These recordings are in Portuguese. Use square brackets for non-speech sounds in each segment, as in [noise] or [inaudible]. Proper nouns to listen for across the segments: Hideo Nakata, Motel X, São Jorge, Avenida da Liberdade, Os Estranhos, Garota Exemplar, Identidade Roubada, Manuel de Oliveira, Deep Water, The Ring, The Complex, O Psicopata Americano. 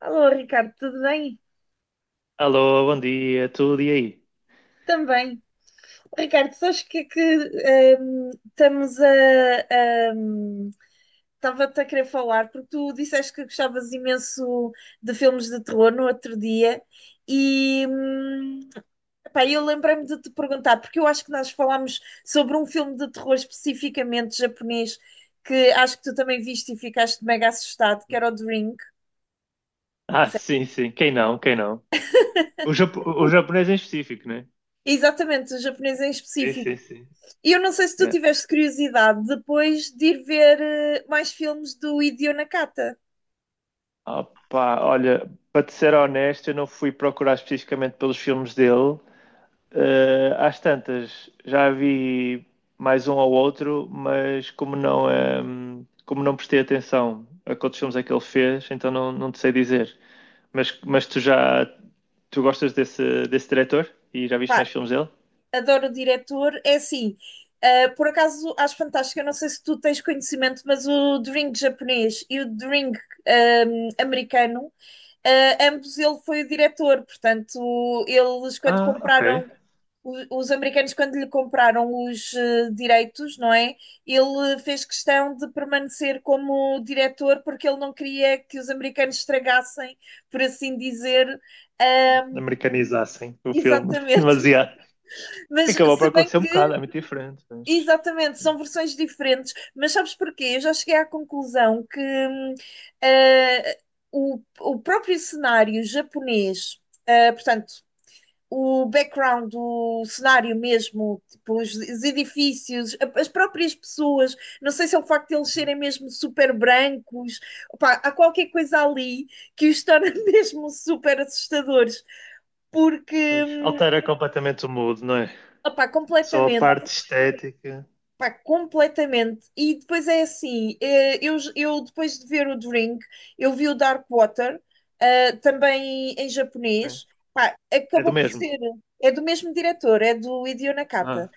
Alô, Ricardo, tudo bem? Alô, bom dia, tudo e aí? Também. Ricardo, sabes o que é que estamos a. ehm, Estava-te a querer falar, porque tu disseste que gostavas imenso de filmes de terror no outro dia, e epá, eu lembrei-me de te perguntar, porque eu acho que nós falámos sobre um filme de terror especificamente japonês, que acho que tu também viste e ficaste mega assustado, que era o Drink. Ah, sim, sim, quem não, quem não? O japonês em específico, né? Exatamente, o japonês em Sim, específico. sim, sim. E eu não sei se tu Yeah. tiveste curiosidade depois de ir ver mais filmes do Hideo Nakata. Opa, olha, para te ser honesto, eu não fui procurar especificamente pelos filmes dele. Às tantas, já vi mais um ou outro, mas como não prestei atenção a quantos filmes é que ele fez, então não te sei dizer. Mas tu já, tu gostas desse diretor? E já viste Pá, mais filmes dele? adoro o diretor. É assim, por acaso acho fantástico. Eu não sei se tu tens conhecimento, mas o Drink japonês e o Drink americano, ambos ele foi o diretor. Portanto, eles quando Ah, ok. compraram Os americanos, quando lhe compraram os direitos, não é? Ele fez questão de permanecer como diretor porque ele não queria que os americanos estragassem, por assim dizer. ahm, Americanizassem o filme [laughs] Exatamente. demasiado. [laughs] Mas Acabou por se bem acontecer um que, bocado, é muito diferente, mas. exatamente, são versões diferentes. Mas sabes porquê? Eu já cheguei à conclusão que ah, o próprio cenário japonês, portanto, o background, o cenário mesmo, tipo, os edifícios, as próprias pessoas, não sei se é o facto de eles serem mesmo super brancos, opá, há qualquer coisa ali que os torna [laughs] mesmo super assustadores, porque, Pois. hum, Altera completamente o mood, não é? opá, Só a completamente. parte estética. Pá, completamente. E depois é assim, eu depois de ver o Drink, eu vi o Dark Water, também em É, japonês. Pá, é do acabou por mesmo. ser, é do mesmo diretor, é do Hideo Nakata. Ah,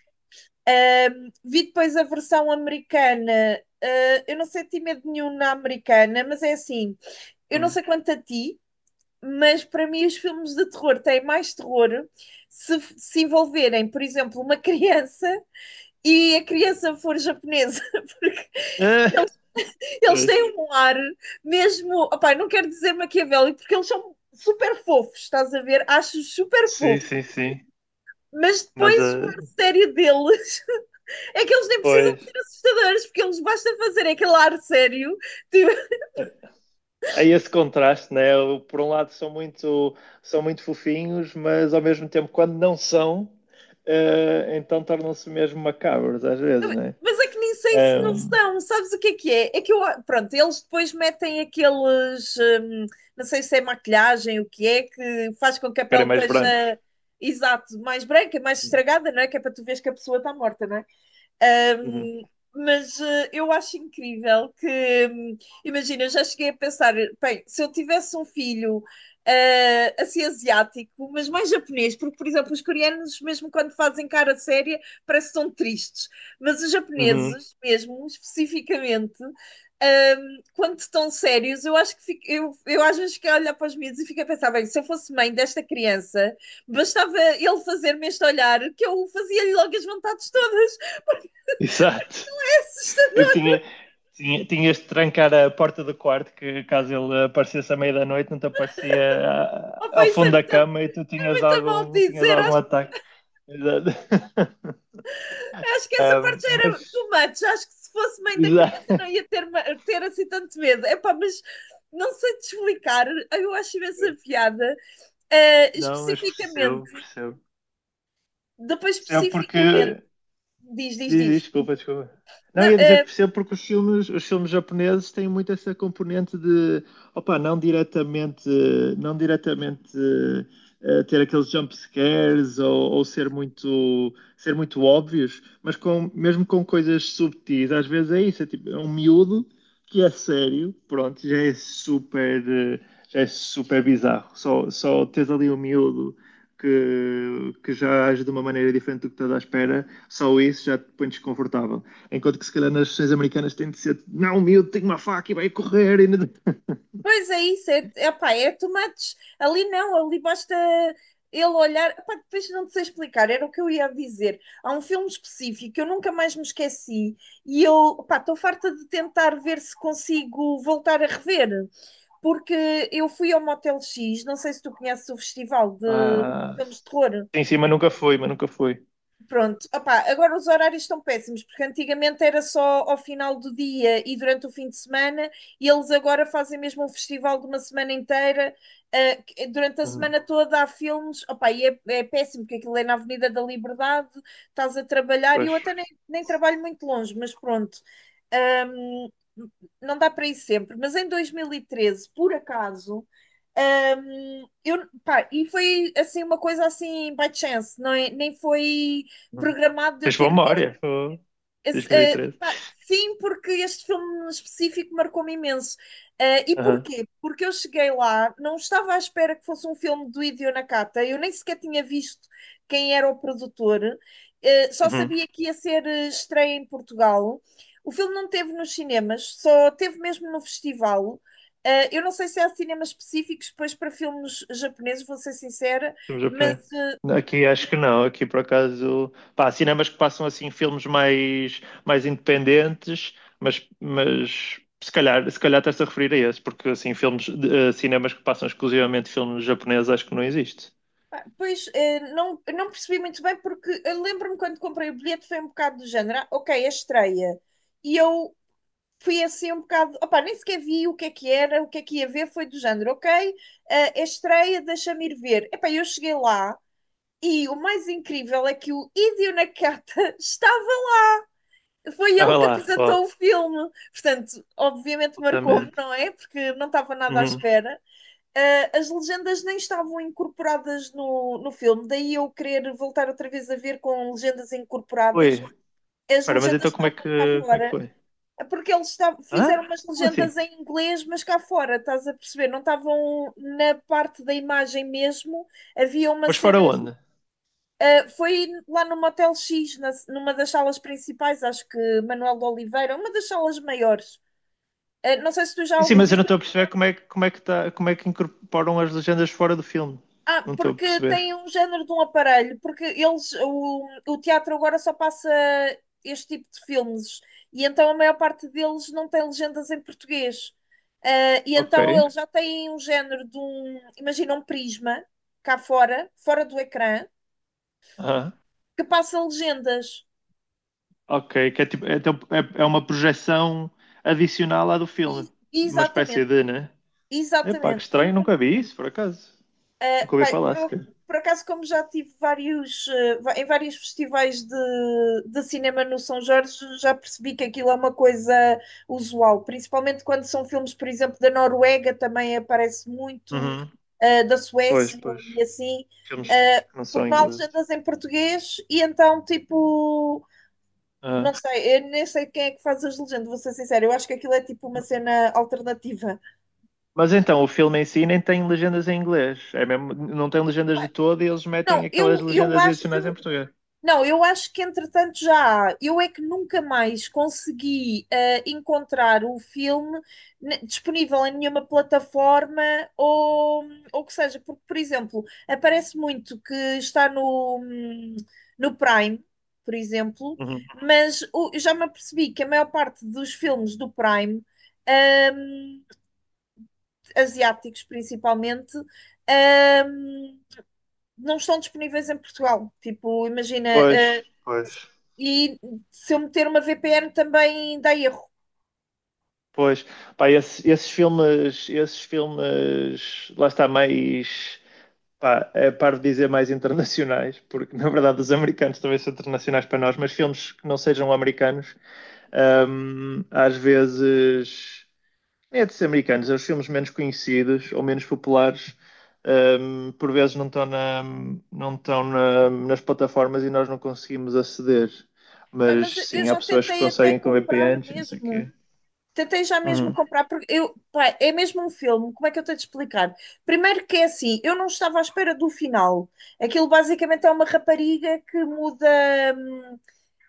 Um, vi depois a versão americana. Eu não senti medo nenhum na americana, mas é assim, eu não hum. sei quanto a ti, mas para mim os filmes de terror têm mais terror se envolverem, por exemplo, uma criança e a criança for japonesa, [laughs] porque Ah, eles pois. têm um ar mesmo, opá, não quero dizer maquiavélico, porque eles são super fofos, estás a ver? Acho super Sim, fofo, sim, sim. mas Mas, depois o ar ah, sério deles. É que eles nem precisam de pois. ser assustadores, porque eles basta fazer aquele ar sério, tipo, É. É esse contraste, né? Por um lado são muito fofinhos, mas ao mesmo tempo, quando não são, então tornam-se mesmo macabros às vezes, né? mas é que nem sei se não Um, são, sabes o que é que é? É que eu, pronto, eles depois metem aqueles, não sei se é maquilhagem, o que é, que faz com que a pele Ficarem mais brancos. esteja, exato, mais branca, mais estragada, não é? Que é para tu veres que a pessoa está morta, não é? Uhum. Um, mas eu acho incrível que, hum, imagina, eu já cheguei a pensar, bem, se eu tivesse um filho assim asiático, mas mais japonês, porque, por exemplo, os coreanos, mesmo quando fazem cara séria, parece que são tristes, mas os Uhum. japoneses, mesmo, especificamente, quando estão sérios, eu acho que eu às vezes fico a olhar para os miúdos e fico a pensar, bem, se eu fosse mãe desta criança, bastava ele fazer-me este olhar que eu fazia-lhe logo as vontades todas. [laughs] Exato. Eu Assustador. tinha, tinhas de trancar a porta do quarto, que caso ele aparecesse à meia da noite, não te aparecia a- Oh, ao pá, isso fundo da cama e é tu tinhas muito mal algum, tinhas dizer. algum Acho, ataque. [laughs] Exato. acho que essa parte já era Mas, too much. Acho que se fosse mãe da criança exato. não ia ter assim tanto medo. É pá, mas não sei te explicar, eu acho imensa piada. Não, mas percebo, Especificamente, percebo. depois Percebe? especificamente, Porque diz, diz, diz, diz, diz. desculpa, desculpa. Não, Não, ia dizer que percebo porque os filmes japoneses têm muito essa componente de, opa, não diretamente ter aqueles jump scares ou ser muito óbvios, mas mesmo com coisas subtis, às vezes é isso, é tipo, é um miúdo que é sério, pronto, já é super bizarro. Só tens ali um miúdo que já age de uma maneira diferente do que estás à espera, só isso já te põe desconfortável. Enquanto que se calhar nas sessões americanas tem de ser, não, miúdo, tenho uma faca e vai correr. E não-" [laughs] pois é isso, é, epá, é tomates. Ali não, ali basta ele olhar. Epá, depois não te sei explicar, era o que eu ia dizer. Há um filme específico que eu nunca mais me esqueci e eu, epá, estou farta de tentar ver se consigo voltar a rever, porque eu fui ao Motel X, não sei se tu conheces o festival de Ah, filmes de terror. sim, sim, mas nunca foi. Pronto, opá, agora os horários estão péssimos, porque antigamente era só ao final do dia e durante o fim de semana, e eles agora fazem mesmo um festival de uma semana inteira, durante a Uhum. semana toda há filmes, opá, e é, é péssimo, porque aquilo é na Avenida da Liberdade, estás a trabalhar, e eu Pois. até nem, nem trabalho muito longe, mas pronto, Ahm, não dá para ir sempre, mas em 2013, por acaso. Pá, e foi assim uma coisa assim by chance, não é? Nem foi Uhum. programado de eu Tens boa ter visto. memória. Oh, Esse, 2013. pá, sim, porque este filme específico marcou-me imenso. Eh, e Aham. porquê? Porque eu cheguei lá, não estava à espera que fosse um filme do Hideo Nakata, eu nem sequer tinha visto quem era o produtor, só Uhum. sabia que ia ser estreia em Portugal. O filme não teve nos cinemas, só teve mesmo no festival. Eh, eu não sei se há cinemas específicos, pois para filmes japoneses, vou ser sincera, Filme mas japonês. Aqui acho que não, aqui por acaso, pá, há cinemas que passam assim filmes mais independentes, mas se calhar estás a referir a esse, porque assim, filmes, cinemas que passam exclusivamente filmes japoneses acho que não existe. pá, pois, não, eu não percebi muito bem, porque eu lembro-me quando comprei o bilhete foi um bocado do género, ah, ok, é estreia. E eu fui assim um bocado, opá, nem sequer vi o que é que era, o que é que ia ver, foi do género, ok, é estreia, deixa-me ir ver. Epá, eu cheguei lá e o mais incrível é que o Hideo Nakata [laughs] estava, foi Ah, ele vai que lá, apresentou o ó, filme. Portanto, obviamente marcou-me, absolutamente. não é? Porque não estava nada à Uhum. espera. As legendas nem estavam incorporadas no filme, daí eu querer voltar outra vez a ver com legendas incorporadas. Oi, As espera, mas legendas então como é que, estavam cá como é que fora, foi? é porque eles fizeram Hã? umas Como assim? legendas em inglês, mas cá fora, estás a perceber? Não estavam na parte da imagem mesmo. Havia uma Mas fora cena, onde? Foi lá no Motel X, numa das salas principais, acho que Manuel de Oliveira, uma das salas maiores. Ah, não sei se tu já Sim, sim, alguma mas eu vez. não estou a perceber como é que tá, como é que incorporam as legendas fora do filme. Não estou a Porque perceber. tem um género de um aparelho, porque eles, o teatro agora só passa este tipo de filmes, e então a maior parte deles não tem legendas em português. Ah, e Ok. então eles já têm um género de um, imagina um prisma cá fora, fora do ecrã, que passa legendas. Ok, que é, tipo, é, então é uma projeção adicional à do filme. Uma espécie Exatamente, de, né? Epá, que exatamente. estranho, nunca vi isso, por acaso. Nunca ouvi Pá, falar sequer. por acaso, como já tive vários, em vários festivais de cinema no São Jorge, já percebi que aquilo é uma coisa usual, principalmente quando são filmes, por exemplo, da Noruega, também aparece muito, Uhum. Da Pois, Suécia pois. e assim, Filmes que não são porque não há ingleses. legendas em português e então, tipo, não Ah. sei, eu nem sei quem é que faz as legendas, vou ser sincera, eu acho que aquilo é tipo uma cena alternativa. Mas então, o filme em si nem tem legendas em inglês. É mesmo, não tem legendas de Pá, todo e eles não, metem aquelas eu legendas adicionais em acho, português. não, eu acho que entretanto já há. Eu é que nunca mais consegui encontrar o filme disponível em nenhuma plataforma ou, ou que seja, porque, por exemplo, aparece muito que está no Prime, por exemplo, Uhum. mas eu já me apercebi que a maior parte dos filmes do Prime, hum, asiáticos principalmente, hum, não estão disponíveis em Portugal. Tipo, imagina, Pois, pois, se- e se eu meter uma VPN também dá erro. pois. Pá, esses filmes, lá está mais. Pá, é par de dizer mais internacionais, porque na verdade os americanos talvez são internacionais para nós, mas filmes que não sejam americanos, às vezes, é de ser americanos, é os filmes menos conhecidos ou menos populares, por vezes não estão, na- não estão na- nas plataformas e nós não conseguimos aceder. Pá, mas Mas eu sim, há já pessoas que tentei até conseguem com comprar VPNs e não sei o quê. mesmo. Tentei já mesmo Uhum, comprar, porque eu, pá, é mesmo um filme, como é que eu tenho de explicar? Primeiro que é assim, eu não estava à espera do final. Aquilo basicamente é uma rapariga que muda, hum,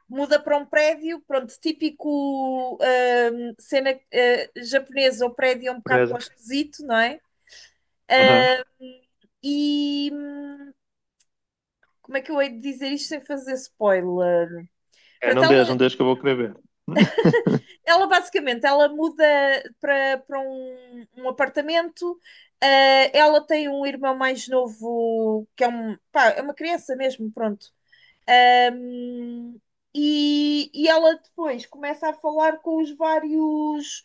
muda para um prédio, pronto, típico cena japonesa, o prédio é um bocado para o beleza. esquisito, não é? Uhum. E como é que eu hei de dizer isto sem fazer spoiler? É, Para não deixa, ela, não deixa que eu vou querer ver. [laughs] ela basicamente ela muda para, para um, um apartamento. Eh, ela tem um irmão mais novo que é um pá, é uma criança mesmo, pronto. Ahm, e ela depois começa a falar com os vários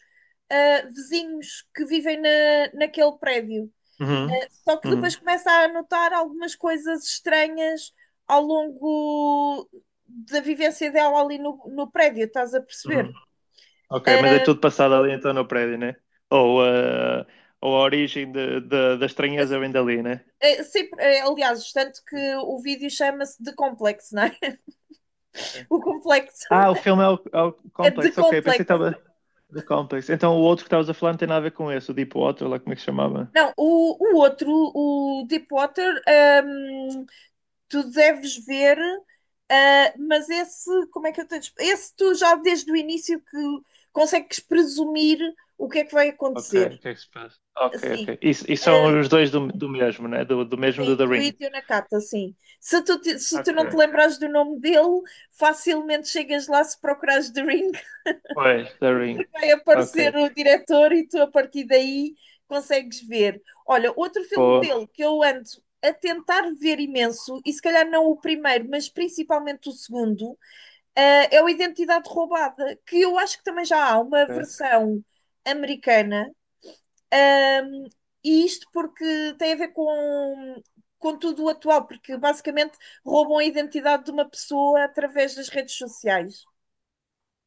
vizinhos que vivem naquele prédio. Uhum, Só que depois uhum, começa a notar algumas coisas estranhas ao longo da vivência dela ali no prédio, estás a perceber? uhum. Ok, mas é tudo passado ali então no prédio, né? Ou, eh, ou a origem da estranheza vem dali, né? É, sempre, é, aliás, tanto que o vídeo chama-se The Complex, não é? [laughs] Ok. O complexo Ah, o filme é o é The Complex, ok, pensei que Complex. estava The Complex. Então o outro que estavas a falar não tem nada a ver com esse, o Deepwater, lá como é que se chamava? Não, o outro, o Deepwater, hum, tu deves ver, mas esse, como é que eu tenho. Esse tu já desde o início que consegues presumir o que é que vai Ok, acontecer. o que é que se passa? Ok, Assim, ok. E uh, são os dois do mesmo, né? Do mesmo do sim, The tu e Ring. teu Nakata, sim. Se tu não te Ok. lembrares do nome dele, facilmente chegas lá se procurares The Ring. Pois, The Ring. Vai aparecer Ok. o diretor e tu a partir daí consegues ver. Olha, outro filme Pô, dele que eu ando a tentar ver imenso, e se calhar não o primeiro, mas principalmente o segundo, é o Identidade Roubada, que eu acho que também já há uma ok, versão americana, ahm, e isto porque tem a ver com tudo o atual, porque basicamente roubam a identidade de uma pessoa através das redes sociais.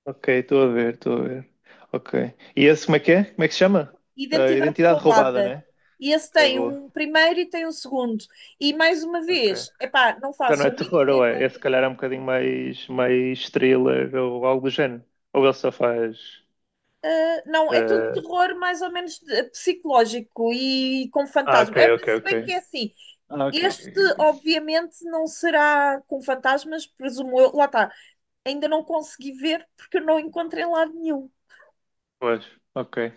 ok, estou a ver, estou a ver. Ok. E esse como é que é? Como é que se chama? Ah, Identidade Identidade Roubada, roubada. né? E esse Ok, tem boa. um primeiro e tem um segundo. E mais uma Ok. vez, epá, não Já não faço é a terror, mínima ou é? Esse ideia. se calhar é um bocadinho mais thriller ou algo do género. Ou ele só faz. Ah, não, é tudo terror mais ou menos psicológico e com Ah, ah, ok, fantasmas. É, ok, se ok. bem que é assim, Ah, ok. Ok, este ok. Ok. obviamente não será com fantasmas, presumo eu. Lá está, ainda não consegui ver porque eu não encontro em lado nenhum. Pois, ok,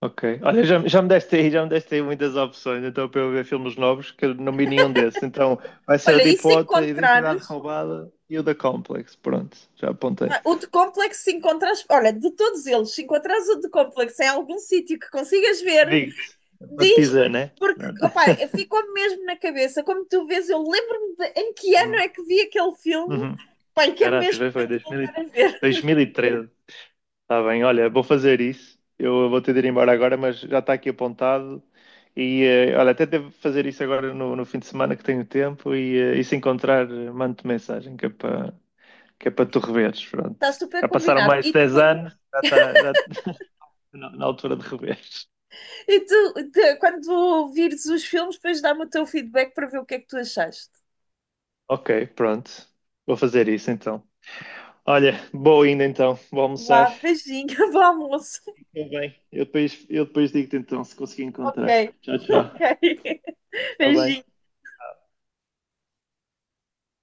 ok. Olha, já me deste aí, muitas opções, então para eu ver filmes novos, que eu não vi nenhum desses. Então vai ser o Olha, e Deep se Water, Identidade encontrares, Roubada e o The Complex. Pronto, já apontei. O de complexo, se encontrares, olha, de todos eles, se encontrares o de complexo em algum sítio que consigas ver, Vict, pode dizer, diz-me, né? porque Pronto. [laughs] opá, ficou-me mesmo na cabeça. Como tu vês, eu lembro-me de em que ano Uhum. é que vi aquele filme. Uhum. Pai, quero Caraca, mesmo já foi muito 2000 voltar a e- ver. 2013. Está bem, olha, vou fazer isso. Eu vou ter de ir embora agora, mas já está aqui apontado. E olha, até devo fazer isso agora no fim de semana que tenho tempo. E se encontrar, mando-te mensagem que é para tu reveres. Pronto. Está super Já passaram combinado. mais de 10 anos, já está [laughs] na altura de reveres. Quando vires os filmes, depois dá-me o teu feedback para ver o que é que tu achaste. Ok, pronto. Vou fazer isso então. Olha, boa ainda então. Vou almoçar. Vá, beijinho, [laughs] bom almoço. Está bem. Eu depois digo-te então se consegui Ok, encontrar. Tchau, [laughs] tchau. ok. Está bem. Beijinho.